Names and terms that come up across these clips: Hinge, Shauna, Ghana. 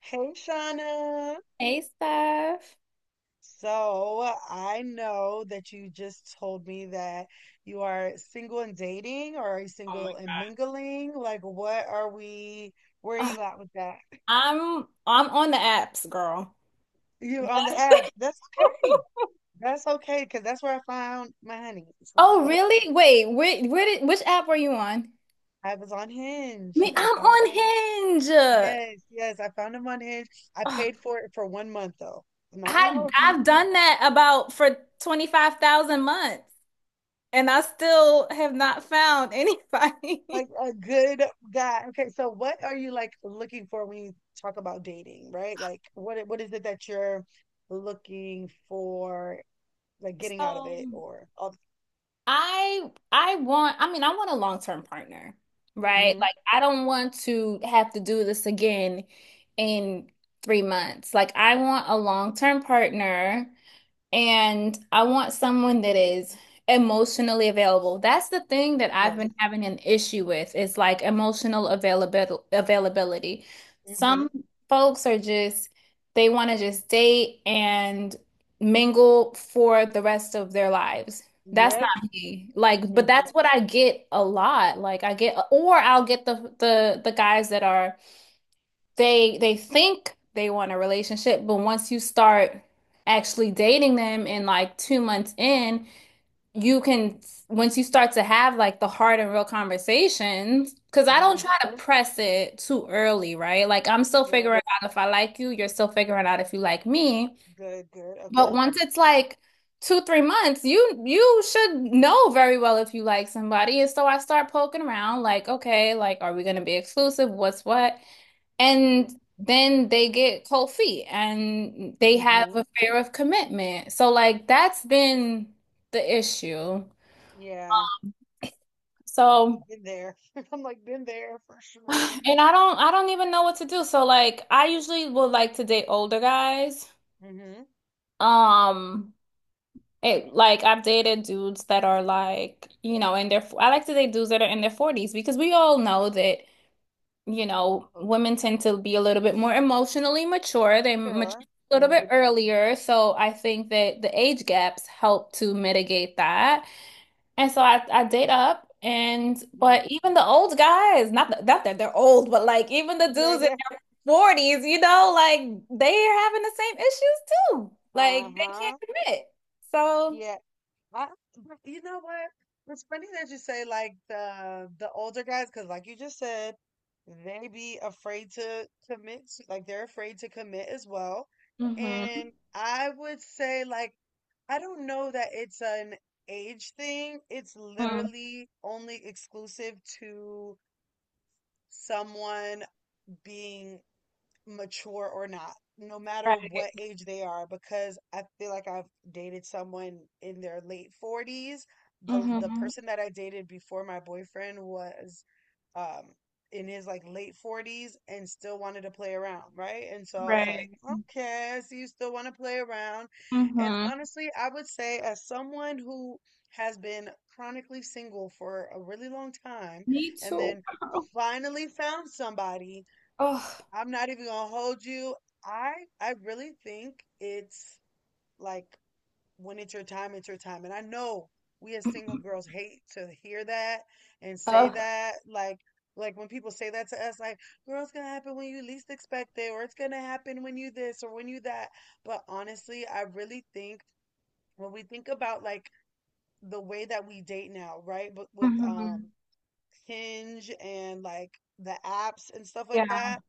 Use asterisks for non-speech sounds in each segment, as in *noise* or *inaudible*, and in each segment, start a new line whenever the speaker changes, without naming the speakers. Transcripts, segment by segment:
Hey, Shauna.
Hey, Steph.
So I know that you just told me that you are single and dating, or are you
Oh my
single and mingling? Like, what are we, where are
Ugh,
you at with that?
I'm on the apps, girl.
You on the apps.
*laughs*
That's okay. That's okay, because that's where I found my honey. So
Oh,
yeah,
really? Wait, which app were you on?
I was on
Me,
Hinge. I
I'm
found him
on
on.
Hinge. Ugh,
Yes, yes, I found him on Hinge. I paid for it for 1 month though. I'm not gonna
I
hold you.
I've done that about for 25,000 months and I still have not found anybody.
Like
*laughs*
a good guy. Okay, so what are you like looking for when you talk about dating, right? Like what is it that you're looking for, like
So,
getting out of
So
it or all.
I I want I mean I want a long-term partner, right?
Mm-hmm.
Like I don't want to have to do this again in 3 months. Like I want a long-term partner and I want someone that is emotionally available. That's the thing that I've
Yes.
been having an issue with is like emotional availability.
Mm-hmm.
Some folks are just they want to just date and mingle for the rest of their lives. That's
Yep.
not me. Like, but that's
Mm-hmm.
what I get a lot. Like I get, or I'll get the guys that are they think they want a relationship, but once you start actually dating them and like 2 months in, you can once you start to have like the hard and real conversations, because I don't
Mm-hmm.
try to press it too early, right? Like I'm still
Yep.
figuring out if I like you, you're still figuring out if you like me.
Good, good. Okay.
But once it's like two, 3 months, you should know very well if you like somebody. And so I start poking around, like, okay, like are we gonna be exclusive? What's what? And then they get cold feet and they
Mm-hmm.
have
Mm-hmm.
a fear of commitment. So like that's been the issue.
Yeah.
So
Been there. *laughs* I'm like been there for sure.
and I don't even know what to do. So like I usually would like to date older guys.
Mm-hmm.
Um it like I've dated dudes that are like, you know, in their I like to date dudes that are in their 40s because we all know that you know, women tend to be a little bit more emotionally mature. They mature
Sure.
a little bit
Mm-hmm.
earlier. So I think that the age gaps help to mitigate that. And so I date up. And
Mm-hmm.
but even the old guys, not that they're old, but like even the
Yeah,
dudes in
yeah.
their 40s, you know, like they're having the same issues too. Like they can't
Uh-huh.
commit. So,
Yeah. I, but you know what? It's funny that you say like the older guys, because like you just said, they be afraid to commit, like they're afraid to commit as well.
hmm.
And I would say like I don't know that it's an age thing. It's
Mm,
literally only exclusive to someone being mature or not, no matter
right.
what age they are, because I feel like I've dated someone in their late 40s. The
Mm-hmm.
person that I dated before my boyfriend was um in his like late 40s and still wanted to play around, right? And so I was like,
Right.
okay, so you still want to play around. And
Mm-hmm.
honestly, I would say as someone who has been chronically single for a really long time
Me
and
too,
then
*laughs* girl.
finally found somebody.
Ugh.
I'm not even gonna hold you. I I really think it's like when it's your time, it's your time. And I know we as single girls hate to hear that and say
Oh,
that. Like when people say that to us, like, girl, it's gonna happen when you least expect it, or it's gonna happen when you this or when you that. But honestly, I really think when we think about like the way that we date now, right? But with
mhm.
Hinge and like the apps and stuff
Yeah,
like that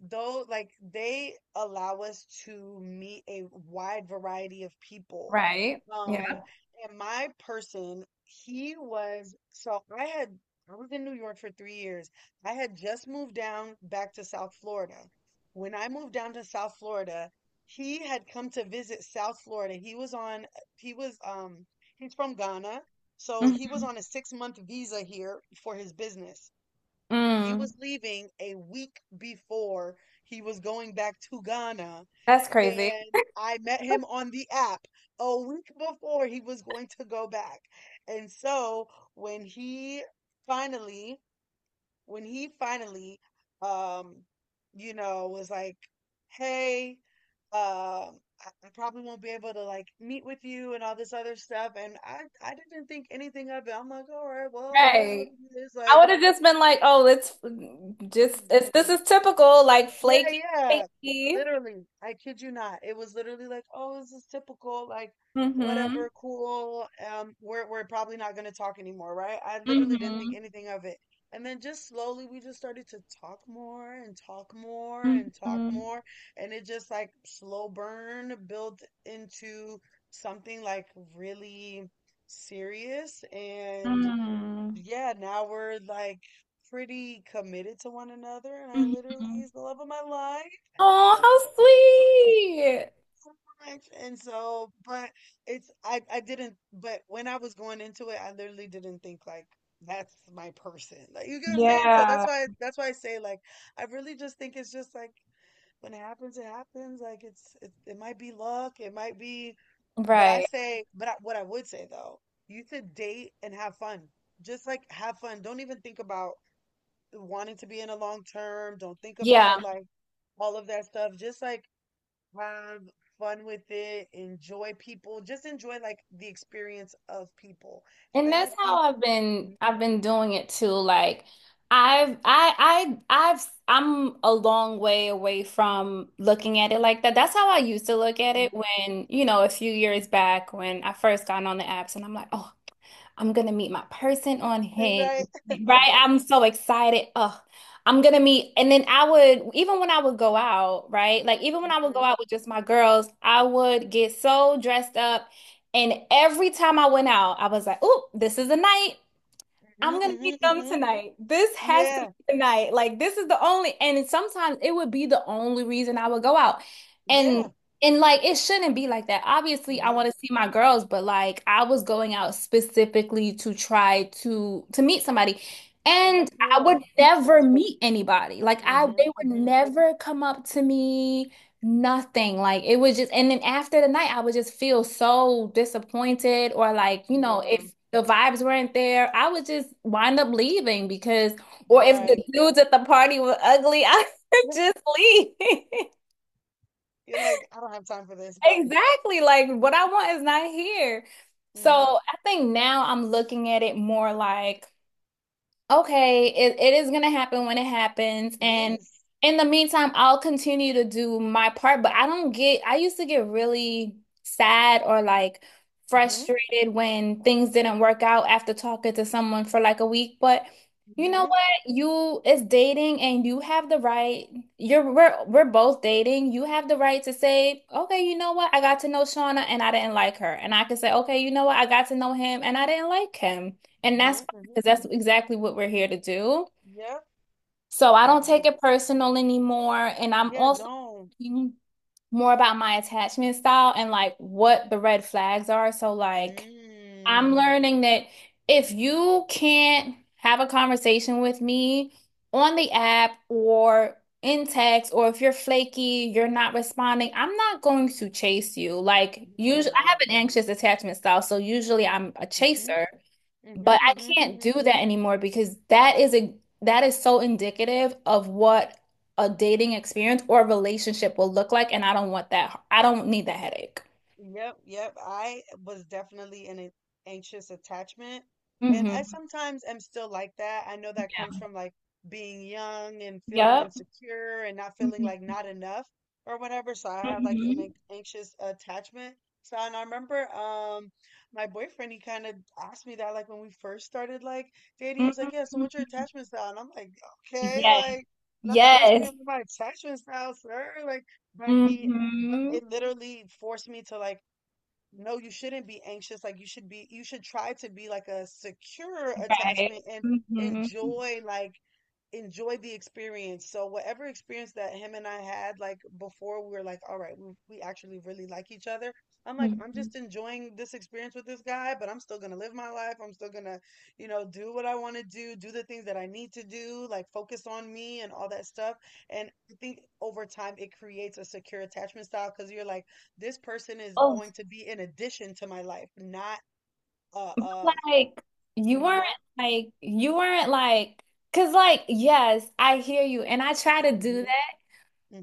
though like they allow us to meet a wide variety of people,
right. Yeah.
um and my person, he was so, I had I was in New York for 3 years. I had just moved down back to South Florida. When I moved down to South Florida, he had come to visit South Florida. He was on, he was he's from Ghana, so he was
Mhm.
on a 6 month visa here for his business. He was
Mm,
leaving a week before he was going back to Ghana,
that's crazy.
and I met him on the app a week before he was going to go back. And so when he finally, when he finally, um, you know, was like, "Hey, I probably won't be able to like meet with you and all this other stuff," and I didn't think anything of it. I'm like, "All right, well, it is what
Right.
it is."
I
Like.
would have just been like, oh, it's this is typical, like
Yeah, yeah.
flaky.
Literally, I kid you not. It was literally like, oh, this is typical, like
Mm-hmm.
whatever, cool. We're probably not gonna talk anymore, right? I literally didn't think
Mm-hmm.
anything of it. And then just slowly we just started to talk more and talk more and talk
Mm-hmm.
more. And it just like slow burn built into something like really serious. And
Mm-hmm.
yeah, now we're like pretty committed to one another, and I literally
Mm-hmm.
he's the love of my life, and I
Oh,
just
how
love
sweet.
him so much. And so, but it's I didn't, but when I was going into it, I literally didn't think like that's my person. Like you get what I'm saying? So that's
Yeah.
why that's why I say like I really just think it's just like when it happens, it happens. Like it's it, it might be luck, it might be, but I
Right.
say, but I, what I would say though, you should date and have fun just like have fun. Don't even think about wanting to be in a long term. Don't think
Yeah.
about like all of that stuff. Just like have fun with it, enjoy people, just enjoy like the experience of people. And
And
then I
that's
think,
how I've been
Mhm,
I've been doing it too. Like I've I I've I'm a long way away from looking at it like that. That's how I used to look at it
mhm.
when, you know, a few years back when I first got on the apps and I'm like, oh, I'm gonna meet my person on Hinge,
*laughs* right? *laughs*
right?
Uh-huh.
I'm so excited. Oh, I'm gonna meet, and then I would even when I would go out, right? Like even when I would go
Mm-hmm.
out with just my girls, I would get so dressed up and every time I went out, I was like, oh, this is the night.
Hmm
I'm gonna meet
hmm
them
hmm.
tonight. This has to be
Yeah.
tonight. Like this is the only and sometimes it would be the only reason I would go out. And
Yeah.
and like it shouldn't be like that. Obviously, I
Mm-hmm.
want to see my girls, but like I was going out specifically to try to meet somebody.
And
And
that's
I
real.
would
That's
never
real.
meet anybody. Like I
Mm-hmm.
they would
Mm-hmm.
never come up to me, nothing. Like it was just and then after the night I would just feel so disappointed or like, you know,
Yeah.
it the vibes weren't there, I would just wind up leaving because, or if the
Right. *laughs*
dudes at the party were ugly, I *laughs* would
Yeah.
just leave. *laughs*
You're like, I don't have time for this. Bye.
Exactly. Like what I want is not here. So
Mm-hmm.
I think now I'm looking at it more like, okay, it is gonna happen when it happens. And
Yes.
in the meantime, I'll continue to do my part, but I don't get, I used to get really sad or like
Mm-hmm.
frustrated when things didn't work out after talking to someone for like a week. But you know
Mm-hmm.
what? It's dating and you have the right, we're both dating. You have the right to say, okay, you know what? I got to know Shauna and I didn't like her. And I can say, okay, you know what? I got to know him and I didn't like him. And that's
Mm-hmm.
because that's exactly what we're here to do.
Mm.
So I don't
Mhm.
take it personal anymore. And I'm
Yeah,
also
don't.
thinking more about my attachment style and like what the red flags are. So, like, I'm
Mm.
learning that if you can't have a conversation with me on the app or in text, or if you're flaky, you're not responding, I'm not going to chase you. Like,
Yeah,
usually, I have
no.
an anxious attachment style. So, usually, I'm a
Mm-hmm.
chaser. But
Mm-hmm.
I
Mm-hmm.
can't
Mm-hmm.
do that anymore because that is so indicative of what a dating experience or relationship will look like, and I don't want that. I don't need that headache.
Yep, yep. I was definitely in an anxious attachment. And I
Hmm.
sometimes am still like that. I know that comes
Yeah.
from like being young and feeling
Yep.
insecure and not feeling
Hmm.
like not enough or whatever. So I have like an
Hmm.
anxious attachment. So and I remember my boyfriend, he kind of asked me that like when we first started like dating, he was like, "Yeah, so what's your
Hmm.
attachment style?" And I'm like, okay,
Yes.
like not you asking me
Yes.
about my attachment style, sir. Like but he, but
Hmm.
it literally forced me to like, no, you shouldn't be anxious. Like you should be, you should try to be like a secure
Right.
attachment and
Hmm.
enjoy like enjoy the experience. So whatever experience that him and I had, like before we were like, all right, we actually really like each other. I'm like, I'm
Hmm.
just enjoying this experience with this guy, but I'm still gonna live my life. I'm still gonna, you know, do what I want to do, do the things that I need to do, like focus on me and all that stuff. And I think over time it creates a secure attachment style because you're like, this person is
Oh,
going to be an addition to my life, not uh um,
like you
you
weren't
know?
you weren't like because like yes, I hear you, and I try to do
Hmm
that.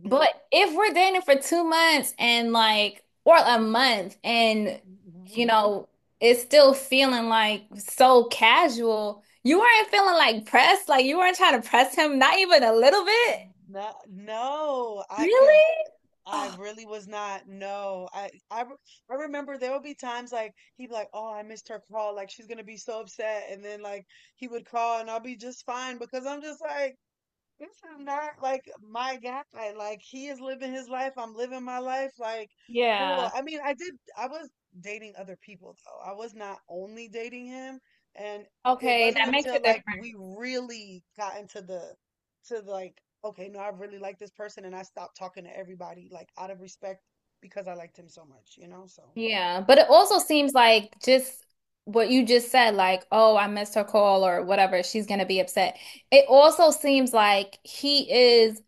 But if we're dating for 2 months and like, or a month, and
hmm.
you know, it's still feeling like so casual, you weren't feeling like pressed, like you weren't trying to press him, not even a little bit.
No, no, I because
Really?
I
Oh,
really was not. No, I, I remember there would be times like he'd be like, "Oh, I missed her call. Like she's gonna be so upset," and then like he would call, and I'll be just fine because I'm just like, this is not like my guy. Like he is living his life. I'm living my life. Like cool.
yeah.
I mean, I did. I was dating other people though. I was not only dating him, and it
Okay,
wasn't
that makes
until
it
like
different.
we really got into the, to like okay, no, I really like this person, and I stopped talking to everybody like out of respect because I liked him so much, you know. So.
Yeah. But it also seems like just what you just said, like, oh, I missed her call or whatever, she's gonna be upset. It also seems like he is.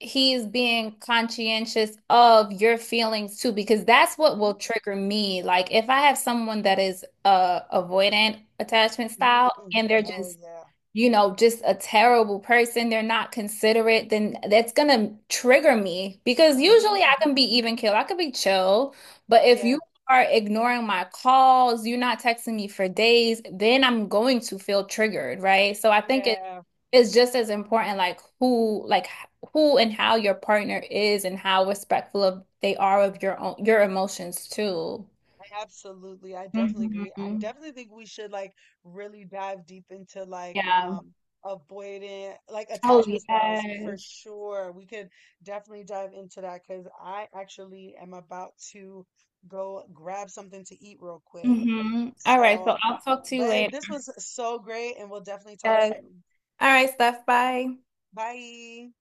He's being conscientious of your feelings too, because that's what will
Hmm
trigger me. Like if I have someone that is avoidant attachment
hmm
style and
hmm.
they're
Oh
just
yeah.
you know, just a terrible person, they're not considerate, then that's gonna trigger me because
Hmm
usually I can
hmm.
be even keel, I could be chill. But if
Yeah.
you are ignoring my calls, you're not texting me for days, then I'm going to feel triggered, right? So I think
Yeah.
it's just as important like who and how your partner is and how respectful of they are of your own your emotions too.
Absolutely. I definitely agree. I
Hmm.
definitely think we should like really dive deep into like
Yeah.
avoidant like
Oh,
attachment styles for
yes.
sure. We could definitely dive into that because I actually am about to go grab something to eat real quick.
Mm-hmm. All right,
So,
so I'll talk to you
but
later.
this was so great and we'll definitely talk
Yes.
soon.
All right, Steph, bye.
Bye.